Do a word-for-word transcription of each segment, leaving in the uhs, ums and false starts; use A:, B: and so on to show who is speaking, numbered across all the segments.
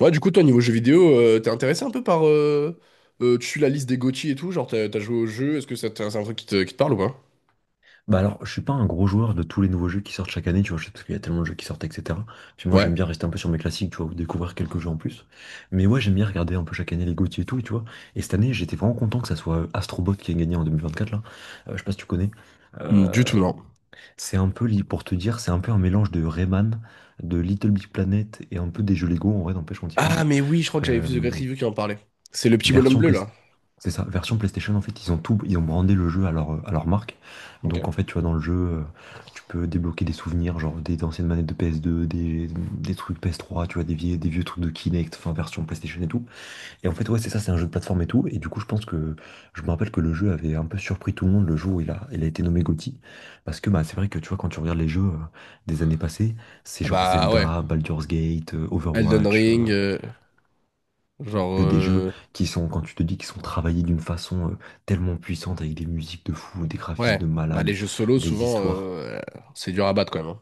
A: Ouais, du coup, toi, niveau jeux vidéo, euh, t'es intéressé un peu par... euh, euh, tu suis la liste des goty et tout, genre t'as t'as joué au jeu, est-ce que ça te- c'est un truc qui te, qui te parle ou pas?
B: Bah alors, je suis pas un gros joueur de tous les nouveaux jeux qui sortent chaque année, tu vois, je sais parce qu'il y a tellement de jeux qui sortent, et cetera. Puis moi,
A: Ouais.
B: j'aime bien rester un peu sur mes classiques, tu vois, ou découvrir quelques jeux en plus. Mais ouais, j'aime bien regarder un peu chaque année les G O T Y et tout, et tu vois. Et cette année, j'étais vraiment content que ça soit Astro Bot qui ait gagné en vingt vingt-quatre, là. Euh, je sais pas si tu connais.
A: Hmm, du
B: Euh,
A: tout, non.
B: c'est un peu, li- Pour te dire, c'est un peu un mélange de Rayman, de Little Big Planet et un peu des jeux Lego, en vrai, n'empêche quand y
A: Ah,
B: pense.
A: mais oui, je crois que j'avais
B: Euh,
A: vu The Great Review qui en parlait. C'est le petit bonhomme
B: Version
A: bleu,
B: Play-
A: là.
B: C'est ça, version PlayStation. En fait, ils ont tout, ils ont brandé le jeu à leur, à leur marque.
A: Ok.
B: Donc, en fait, tu vois, dans le jeu, euh, tu peux débloquer des souvenirs, genre des anciennes manettes de P S deux, des, des trucs P S trois, tu vois, des vieux, des vieux trucs de Kinect, enfin, version PlayStation et tout. Et en fait, ouais, c'est ça, c'est un jeu de plateforme et tout. Et du coup, je pense que, je me rappelle que le jeu avait un peu surpris tout le monde le jour où il a, il a été nommé G O T Y. Parce que, bah, c'est vrai que, tu vois, quand tu regardes les jeux euh, des années passées, c'est
A: Ah,
B: genre
A: bah ouais.
B: Zelda, Baldur's Gate, euh,
A: Elden
B: Overwatch, euh,
A: Ring, euh, genre...
B: que des jeux
A: euh,
B: qui sont, quand tu te dis qui sont travaillés d'une façon euh, tellement puissante avec des musiques de fou, des graphismes
A: ouais.
B: de
A: Bah,
B: malade,
A: les jeux solo,
B: des
A: souvent,
B: histoires.
A: euh, c'est dur à battre quand même,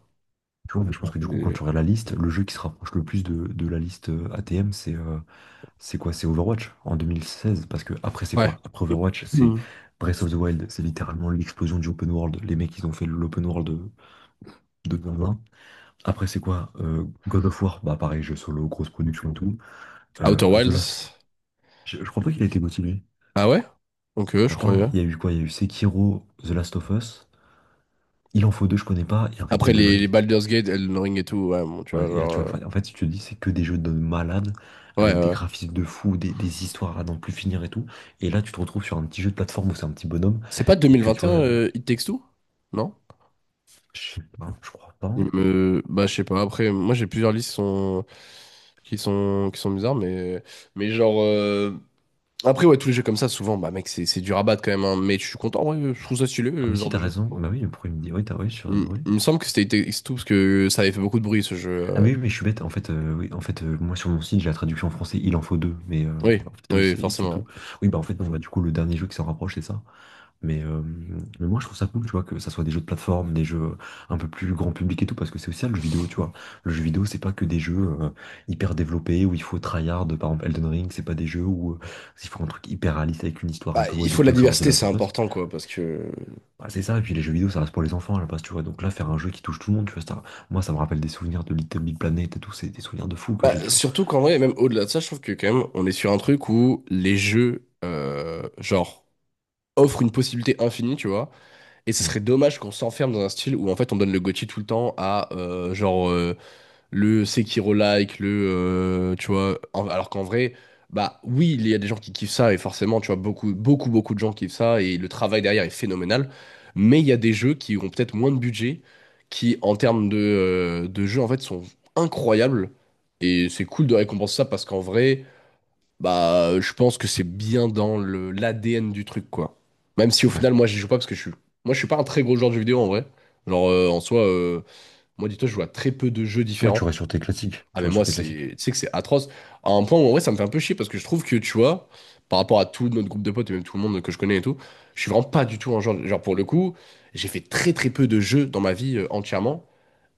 B: Tu vois, mais je pense
A: hein.
B: que du coup, quand
A: Euh,
B: tu regardes la liste, le jeu qui se rapproche le plus de, de la liste euh, A T M, c'est euh, c'est quoi? C'est Overwatch en deux mille seize. Parce que après, c'est
A: ouais.
B: quoi? Après Overwatch, c'est
A: Hmm.
B: Breath of the Wild, c'est littéralement l'explosion du open world. Les mecs, ils ont fait l'open world de, de deux mille vingt. Après, c'est quoi? Euh, God of War, bah pareil, jeu solo, grosse production et tout. Euh,
A: Outer
B: The Last.
A: Wilds.
B: Je, je crois pas qu'il a été motivé.
A: Ah ouais? Ok, je
B: Crois pas, hein.
A: croyais.
B: Il y a eu quoi? Il y a eu Sekiro, The Last of Us. Il en faut deux, je connais pas. Et après,
A: Après
B: Elden
A: les, les
B: Ring.
A: Baldur's Gate, Elden Ring et tout, ouais, bon, tu
B: Ouais,
A: vois,
B: et là,
A: genre...
B: tu vois,
A: euh,
B: enfin, en fait, si tu te dis, c'est que des jeux de malades,
A: ouais,
B: avec des
A: ouais.
B: graphismes de fou, des, des histoires à n'en plus finir et tout. Et là, tu te retrouves sur un petit jeu de plateforme où c'est un petit bonhomme,
A: C'est pas
B: et que tu vois,
A: deux mille vingt et un,
B: euh,
A: euh, It Takes Two? Non?
B: je sais pas, je crois pas.
A: Il me... bah, je sais pas, après moi j'ai plusieurs listes qui sont... qui sont qui sont bizarres, mais mais genre euh, après, ouais, tous les jeux comme ça souvent, bah mec, c'est c'est du rabat quand même, hein. Mais je suis content, ouais, je trouve ça stylé,
B: Ah, mais
A: le
B: si,
A: genre de
B: t'as
A: jeu.
B: raison. Bah oui, mais pourquoi il me dit, oui, t'as, oui, sur,
A: Il,
B: oui.
A: il me semble que c'était It Takes Two parce que ça avait fait beaucoup de bruit, ce jeu.
B: Ah,
A: euh.
B: mais oui, mais je suis bête. En fait, euh, oui, en fait, euh, moi, sur mon site, j'ai la traduction en français, il en faut deux. Mais euh,
A: Oui,
B: en fait, oui,
A: oui, forcément, ouais.
B: tout. Oui, bah en fait, bon, bah, du coup, le dernier jeu qui s'en rapproche, c'est ça. Mais, euh, mais moi, je trouve ça cool, tu vois, que ça soit des jeux de plateforme, des jeux un peu plus grand public et tout, parce que c'est aussi ça, le jeu vidéo, tu vois. Le jeu vidéo, c'est pas que des jeux euh, hyper développés où il faut tryhard, par exemple Elden Ring, c'est pas des jeux où euh, il faut un truc hyper réaliste avec une histoire un
A: Bah,
B: peu what
A: il
B: the
A: faut de la
B: fuck, genre The
A: diversité,
B: Last
A: c'est
B: of Us.
A: important, quoi, parce que
B: Bah, c'est ça, et puis les jeux vidéo, ça reste pour les enfants à la base, tu vois. Donc là, faire un jeu qui touche tout le monde, tu vois, ça, moi, ça me rappelle des souvenirs de Little Big Planet et tout, c'est des souvenirs de fou que j'ai,
A: bah,
B: tu vois.
A: surtout qu'en vrai, même au-delà de ça, je trouve que quand même on est sur un truc où les jeux euh, genre offrent une possibilité infinie, tu vois. Et ce
B: Mm.
A: serait dommage qu'on s'enferme dans un style où en fait on donne le goty tout le temps à euh, genre euh, le Sekiro-like, le euh, tu vois, en- alors qu'en vrai, bah oui, il y a des gens qui kiffent ça et forcément, tu vois, beaucoup, beaucoup, beaucoup de gens kiffent ça et le travail derrière est phénoménal. Mais il y a des jeux qui ont peut-être moins de budget, qui en termes de, euh, de jeux en fait sont incroyables, et c'est cool de récompenser ça, parce qu'en vrai. Bah, euh, je pense que c'est bien dans le l'A D N du truc, quoi. Même si au
B: Ouais.
A: final, moi, j'y joue pas parce que je suis, moi, je suis pas un très gros joueur de jeux vidéo en vrai. Genre, euh, en soi, euh, moi, dis-toi, je joue à très peu de jeux
B: Ouais, tu
A: différents.
B: restes sur tes classiques,
A: Ah,
B: tu
A: mais
B: restes
A: moi,
B: sur tes classiques.
A: c'est, tu sais que c'est atroce. À un point où en vrai, ça me fait un peu chier parce que je trouve que, tu vois, par rapport à tout notre groupe de potes et même tout le monde que je connais et tout, je suis vraiment pas du tout un genre, genre pour le coup, j'ai fait très très peu de jeux dans ma vie euh, entièrement.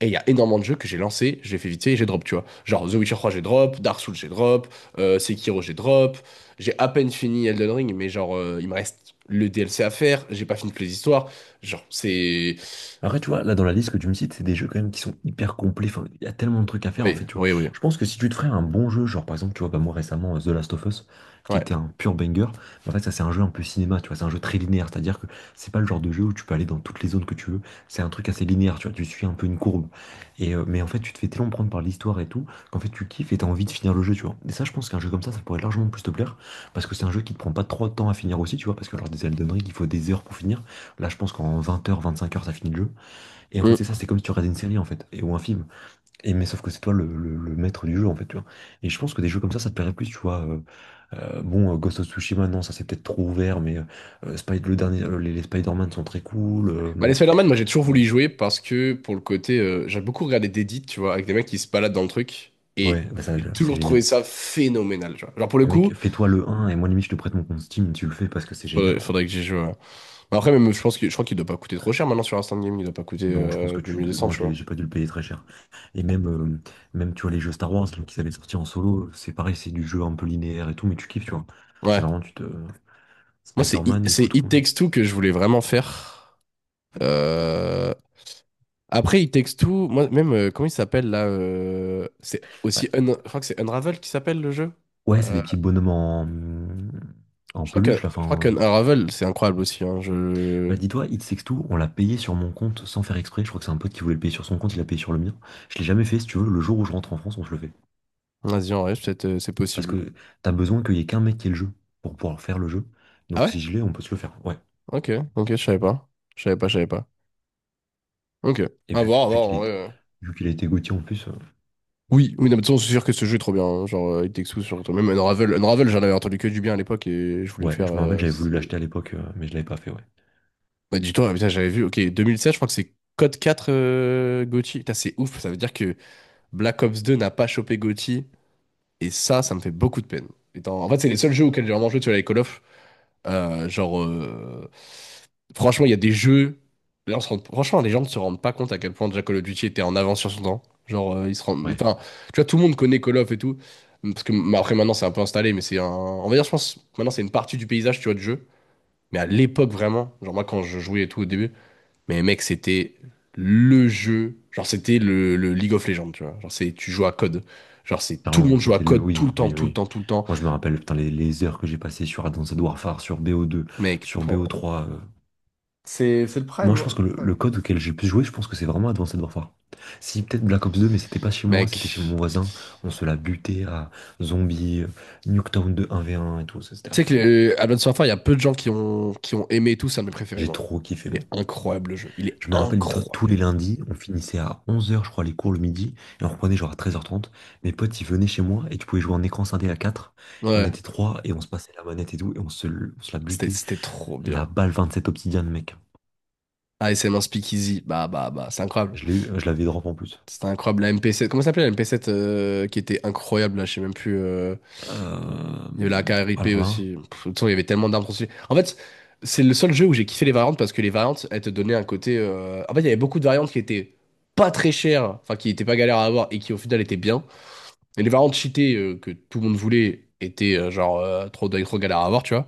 A: Et il y a énormément de jeux que j'ai lancés, j'ai fait vite fait et j'ai drop, tu vois. Genre The Witcher trois, j'ai drop, Dark Souls, j'ai drop, euh, Sekiro, j'ai drop. J'ai à peine fini Elden Ring, mais genre, euh, il me reste le D L C à faire, j'ai pas fini toutes les histoires. Genre, c'est.
B: Après, tu vois, là, dans la liste que tu me cites, c'est des jeux quand même qui sont hyper complets. Enfin, il y a tellement de trucs à faire, en
A: Oui,
B: fait, tu vois.
A: oui, oui.
B: Je pense que si tu te ferais un bon jeu, genre, par exemple, tu vois, bah, moi, récemment, euh, The Last of Us, qui
A: Ouais.
B: était un pur banger, mais en fait, ça, c'est un jeu un peu cinéma, tu vois, c'est un jeu très linéaire, c'est-à-dire que c'est pas le genre de jeu où tu peux aller dans toutes les zones que tu veux. C'est un truc assez linéaire, tu vois, tu suis un peu une courbe. Et, euh, mais en fait, tu te fais tellement prendre par l'histoire et tout, qu'en fait, tu kiffes et t'as envie de finir le jeu, tu vois. Et ça, je pense qu'un jeu comme ça, ça pourrait largement plus te plaire, parce que c'est un jeu qui te prend pas trop de temps à finir aussi, tu vois, parce que lors des Elden Ring, il faut des heures pour finir. Là, je pense qu'en vingt heures vingt-cinq heures ça finit le jeu. Et en fait,
A: Mm.
B: c'est ça, c'est comme si tu regardais une série, en fait, et, ou un film. Et, mais sauf que c'est toi le, le- le maître du jeu, en fait, tu vois. Et je pense que des jeux comme ça, ça te plairait plus, tu vois. Euh, euh, bon, euh, Ghost of Tsushima, non, ça c'est peut-être trop ouvert, mais euh, euh, Spy- le dernier, euh, les, les Spider-Man sont très cool. euh,
A: Bah, les Spider-Man, moi j'ai toujours voulu
B: hum,
A: y jouer parce que pour le côté. Euh, j'ai beaucoup regardé d'edits, tu vois, avec des mecs qui se baladent dans le truc, et
B: ouais, bah ça,
A: j'ai
B: c'est
A: toujours trouvé
B: génial.
A: ça phénoménal, tu vois. Genre, pour le
B: Mais
A: coup,
B: mec, fais-toi le un et moi, limite, je te prête mon compte Steam, tu le fais parce que c'est génial,
A: faudrait,
B: quoi.
A: faudrait que j'y joue, ouais. Mais après, même, je pense que, je crois qu'il doit pas coûter trop cher maintenant sur Instant Game, il doit pas coûter
B: Non, je pense
A: euh,
B: que tu.
A: deux mille deux cents,
B: Moi, je
A: tu
B: l'ai,
A: vois.
B: j'ai pas dû le payer très cher. Et même, euh, même tu vois, les jeux Star Wars, là, qu'ils avaient sortis en solo, c'est pareil, c'est du jeu un peu linéaire et tout, mais tu kiffes, tu vois. C'est
A: Ouais.
B: vraiment, tu te,
A: Moi, c'est I-
B: Spider-Man, il
A: c'est
B: coûte
A: It
B: combien?
A: Takes Two que je voulais vraiment faire. Euh, Après, It Takes Two, moi, même, euh, comment il s'appelle là, euh, c'est
B: Ouais,
A: aussi. Un- Je crois que c'est Unravel qui s'appelle le jeu.
B: ouais, c'est
A: Euh,
B: des petits bonhommes en, en
A: Je crois que,
B: peluche, là.
A: je crois
B: Enfin,
A: qu'Unravel, c'est incroyable aussi, hein.
B: euh,
A: Je...
B: bah, dis-toi, It Takes Two, on l'a payé sur mon compte sans faire exprès. Je crois que c'est un pote qui voulait le payer sur son compte, il l'a payé sur le mien. Je l'ai jamais fait, si tu veux. Le jour où je rentre en France, on se le fait.
A: Vas-y, en vrai, peut-être, euh, c'est
B: Parce
A: possible.
B: que t'as besoin qu'il y ait qu'un mec qui ait le jeu pour pouvoir faire le jeu.
A: Ah
B: Donc
A: ouais?
B: si je l'ai, on peut se le faire. Ouais.
A: Ok, ok, je savais pas. Je savais pas, je savais pas. Ok.
B: Et
A: À
B: vu, que-
A: voir, à
B: vu
A: voir,
B: qu'il
A: en vrai,
B: était,
A: euh.
B: vu qu'il a été Gauthier en plus, euh,
A: Oui, oui, non, mais de toute façon, c'est sûr que ce jeu est trop bien, hein. Genre, euh, It Takes Two, surtout. Même Unravel, Unravel, j'en avais entendu que du bien à l'époque et je voulais le
B: ouais,
A: faire.
B: je me rappelle,
A: euh,
B: j'avais
A: c'est-
B: voulu l'acheter à l'époque, euh, mais je l'avais pas fait, ouais.
A: Bah, dis-toi, ah, putain, j'avais vu, ok, deux mille sept, je crois que c'est Code quatre, euh, goty. Putain, c'est ouf, ça veut dire que Black Ops deux n'a pas chopé goty, et ça, ça me fait beaucoup de peine. Étant- En fait, c'est les seuls jeux auxquels j'ai vraiment joué, tu vois, les Call of. Euh, genre, euh, franchement, il y a des jeux. Là, on se rend- Franchement, les gens ne se rendent pas compte à quel point déjà Call of Duty était en avance sur son temps. Genre, euh, ils se rendent.
B: Ouais,
A: Enfin, tu vois, tout le monde connaît Call of et tout. Parce que bah, après, maintenant, c'est un peu installé, mais c'est un. On va dire, je pense, maintenant, c'est une partie du paysage, tu vois, du jeu. Mais à l'époque, vraiment, genre, moi, quand je jouais et tout au début. Mais mec, c'était le jeu. Genre, c'était le, le League of Legends, tu vois. Genre, c'est, tu joues à code. Genre, c'est tout le
B: clairement,
A: monde joue à
B: c'était le.
A: code
B: Oui,
A: tout le temps,
B: oui,
A: tout le
B: oui.
A: temps, tout le temps.
B: Moi, je me rappelle, putain, les, les heures que j'ai passées sur Advanced Warfare, sur B O deux,
A: Mec,
B: sur
A: pour-
B: B O trois. euh.
A: c'est c'est le prime,
B: Moi, je
A: hein,
B: pense
A: le
B: que le, le
A: prime.
B: code auquel j'ai le plus joué, je pense que c'est vraiment Advanced Warfare. Si, peut-être Black Ops deux, mais c'était pas chez moi,
A: Mec,
B: c'était chez mon voisin. On se l'a buté à Zombie, euh, Nuketown deux un v un et tout. Ça, c'était
A: tu
B: à
A: sais que
B: fond, quoi.
A: le, Advance Warfare, il y a peu de gens qui ont, qui ont aimé et tout, ça mes préférés,
B: J'ai
A: moi.
B: trop kiffé,
A: Il
B: moi.
A: est incroyable, le jeu. Il est
B: Je me rappelle, dis-toi, tous les
A: incroyable.
B: lundis, on finissait à onze heures, je crois, les cours le midi, et on reprenait genre à treize heures trente. Mes potes, ils venaient chez moi, et tu pouvais jouer en écran scindé à quatre. On
A: Ouais,
B: était trois et on se passait la manette et tout, et on se, on se la
A: c'était
B: butait.
A: c'était trop
B: La
A: bien.
B: balle sept obsidienne, mec.
A: A S M un Speakeasy, bah, bah, bah, c'est incroyable.
B: Je l'ai eu, je l'avais drop en plus.
A: C'était incroyable. La M P sept, comment ça s'appelait la M P sept, euh, qui était incroyable, là, je sais même plus. euh,
B: Euh,
A: Il y avait la KRIP
B: Alors là,
A: aussi. Pff, de toute façon, il y avait tellement d'armes trop... En fait, c'est le seul jeu où j'ai kiffé les variantes, parce que les variantes, elles te donnaient un côté. euh, En fait, il y avait beaucoup de variantes qui étaient pas très chères, enfin, qui étaient pas galères à avoir et qui au final étaient bien. Et les variantes cheatées, euh, que tout le monde voulait, étaient euh, genre euh, trop, trop galères à avoir, tu vois.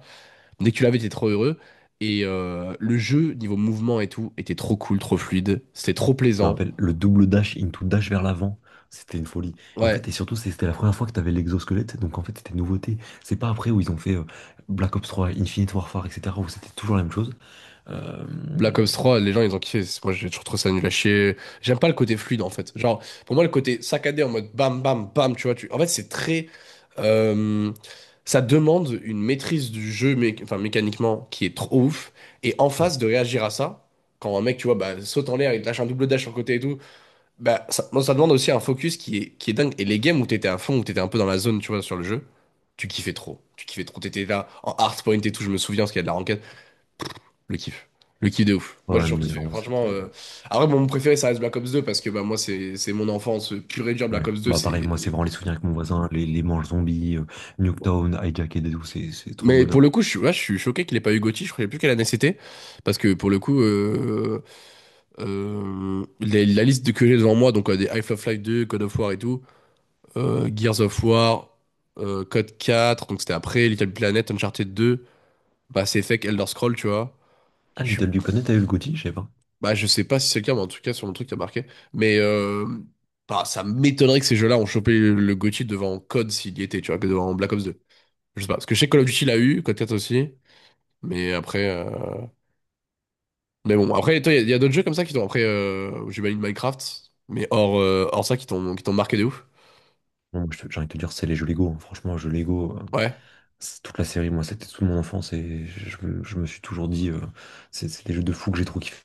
A: Dès que tu l'avais, t'étais trop heureux. Et euh, le jeu, niveau mouvement et tout, était trop cool, trop fluide. C'était trop
B: je me
A: plaisant.
B: rappelle, le double dash into dash vers l'avant, c'était une folie. Et en
A: Ouais,
B: fait, et surtout, c'est- c'était la première fois que t'avais l'exosquelette, donc en fait, c'était une nouveauté. C'est pas après où ils ont fait euh, Black Ops trois, Infinite Warfare, et cetera, où c'était toujours la même chose. Euh,
A: Black Ops trois, les gens ils ont kiffé. C'est- Moi j'ai toujours trouvé ça nul à chier. J'aime pas le côté fluide en fait. Genre, pour moi le côté saccadé en mode bam bam bam, tu vois. Tu... En fait, c'est très. euh, Ça demande une maîtrise du jeu mé- enfin, mécaniquement qui est trop ouf. Et en
B: Ouais,
A: face de réagir à ça, quand un mec, tu vois, bah, saute en l'air, il te lâche un double dash sur le côté et tout, bah, ça, moi, ça demande aussi un focus qui est, qui est dingue. Et les games où t'étais à fond, où t'étais un peu dans la zone, tu vois, sur le jeu, tu kiffais trop. Tu kiffais trop. T'étais là en hardpoint et tout, je me souviens, parce qu'il y a de la ranked. Le kiff. Le kiff de ouf. Moi, j'ai
B: non,
A: toujours
B: mais
A: kiffé.
B: vraiment,
A: Franchement,
B: c'était.
A: euh, après, bon, mon préféré, ça reste Black Ops deux parce que bah, moi, c'est c'est mon enfance pure et dure. Black
B: Ouais.
A: Ops deux,
B: Bah, pareil, moi, c'est
A: c'est.
B: vraiment les souvenirs avec mon voisin, les, les manches zombies, euh, Nuketown, Hijacked et tout, c'est c'est trop le
A: Mais pour
B: bonheur.
A: le coup, je suis, ouais, je suis choqué qu'il ait pas eu goty. Je ne savais plus quelle année c'était. Parce que pour le coup, euh, euh, les- la liste de- que j'ai devant moi, donc euh, des Half of Life deux, Code of War et tout, euh, Gears of War, euh, Code quatre, donc c'était après, Little Planet, Uncharted deux, Mass Effect, Elder Scrolls, tu vois.
B: Ah,
A: Je suis...
B: Little Big Planet, t'as eu le gothi? Je sais pas.
A: Bah, je sais pas si c'est le cas, mais en tout cas, sur le truc, t'as marqué. Mais euh, bah, ça m'étonnerait que ces jeux-là ont chopé le, le goty devant COD s'il y était, tu vois, que devant Black Ops deux. Je sais pas. Parce que je sais que Call of Duty l'a eu, COD quatre aussi. Mais après. euh, Mais bon, après, toi, il y a, il y a d'autres jeux comme ça qui t'ont. Après, euh... j'imagine Minecraft. Mais hors, euh, hors ça, qui t'ont qui t'ont marqué de ouf.
B: Non, moi, je te- j'ai envie de te dire, c'est les jeux Lego, hein. Franchement, les jeux Lego, euh,
A: Ouais.
B: c'est toute la série, moi, c'était toute mon enfance et je, me je me suis toujours dit, euh, c'est c'est des jeux de fou que j'ai trop kiffé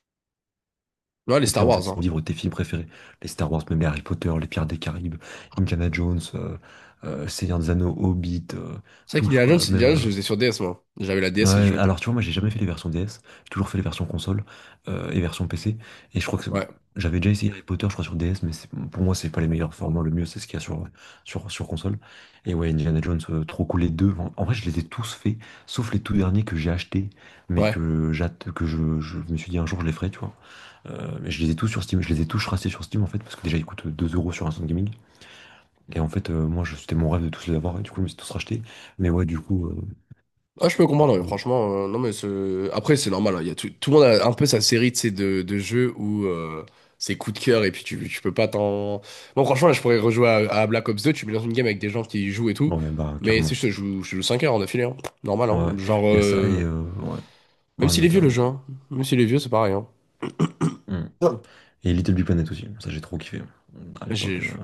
A: Ouais, les Star
B: faire, en fait.
A: Wars,
B: C'est mon
A: hein.
B: livre, de tes films préférés. Les Star Wars, même les Harry Potter, les Pirates des Caraïbes, Indiana Jones, euh, euh, Seigneur des Anneaux, Hobbit, euh,
A: C'est vrai
B: tous,
A: qu'Indiana Jones,
B: quoi.
A: Indiana
B: Même.
A: Jones, je
B: euh,
A: les faisais sur D S, moi. J'avais la D S et j'y
B: Ouais,
A: jouais.
B: alors tu vois, moi j'ai jamais fait les versions D S, j'ai toujours fait les versions console euh, et version P C. Et je crois que c'est-
A: Ouais.
B: j'avais déjà essayé Harry Potter, je crois, sur D S, mais c'est- pour moi c'est pas les meilleurs formats, le mieux c'est ce qu'il y a sur, sur, sur console. Et ouais, Indiana Jones, euh, trop cool les deux. En, en vrai, je les ai tous faits, sauf les tout derniers que j'ai achetés, mais
A: Ouais.
B: que j'atte que je, je me suis dit un jour je les ferai, tu vois. Euh, mais je les ai tous sur Steam, je les ai tous rachetés sur Steam en fait, parce que déjà ils coûtent deux euros sur Instant Gaming. Et en fait, euh, moi je- c'était mon rêve de tous les avoir, et du coup je me suis tous rachetés. Mais ouais, du coup, euh,
A: Ah, je peux comprendre, ouais,
B: bon,
A: franchement, euh, non, mais ce- après, c'est normal, hein, il y a tout... tout le monde a un peu sa série de ces de... de jeux où euh, c'est coup de cœur et puis tu, tu peux pas t'en. Bon, franchement, là, je pourrais rejouer à... à Black Ops deux. Tu me lances une game avec des gens qui y jouent et tout.
B: ouais, bah
A: Mais c'est
B: carrément.
A: juste, je joue, je joue cinq heures en affilée, hein. Normal, hein.
B: Ouais,
A: Genre,
B: il y a ça
A: euh,
B: et euh, ouais,
A: même
B: ouais,
A: s'il est vieux le
B: notamment,
A: jeu,
B: ouais.
A: hein. Même s'il est vieux, c'est pareil. Hein.
B: Hmm.
A: Non.
B: Et Little Big Planet aussi, ça j'ai trop kiffé. À
A: J'ai-
B: l'époque, euh,
A: je-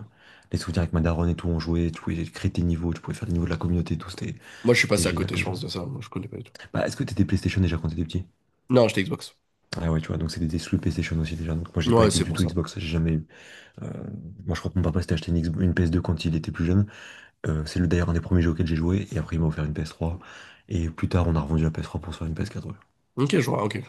B: les souvenirs avec ma daronne et tout, on jouait, tu pouvais créer tes niveaux, tu pouvais faire les niveaux de la communauté et tout, c'était
A: Moi, je suis
B: c'était
A: passé à
B: génial
A: côté, je
B: comme jeu.
A: pense, de ça. Moi, je connais pas du tout.
B: Bah, est-ce que t'étais PlayStation déjà quand t'étais petit?
A: Non, j'étais Xbox.
B: Ah ouais, tu vois, donc c'était des exclus PlayStation aussi déjà. Donc moi j'ai pas
A: Ouais,
B: été
A: c'est
B: du
A: pour
B: tout
A: ça.
B: Xbox, j'ai jamais eu. Euh, Moi je crois que mon papa s'était acheté une, X- une P S deux quand il était plus jeune. Euh, c'est le d'ailleurs un des premiers jeux auxquels j'ai joué et après il m'a offert une P S trois. Et plus tard on a revendu la P S trois pour se faire une P S quatre, ouais.
A: Ok, je vois, ok.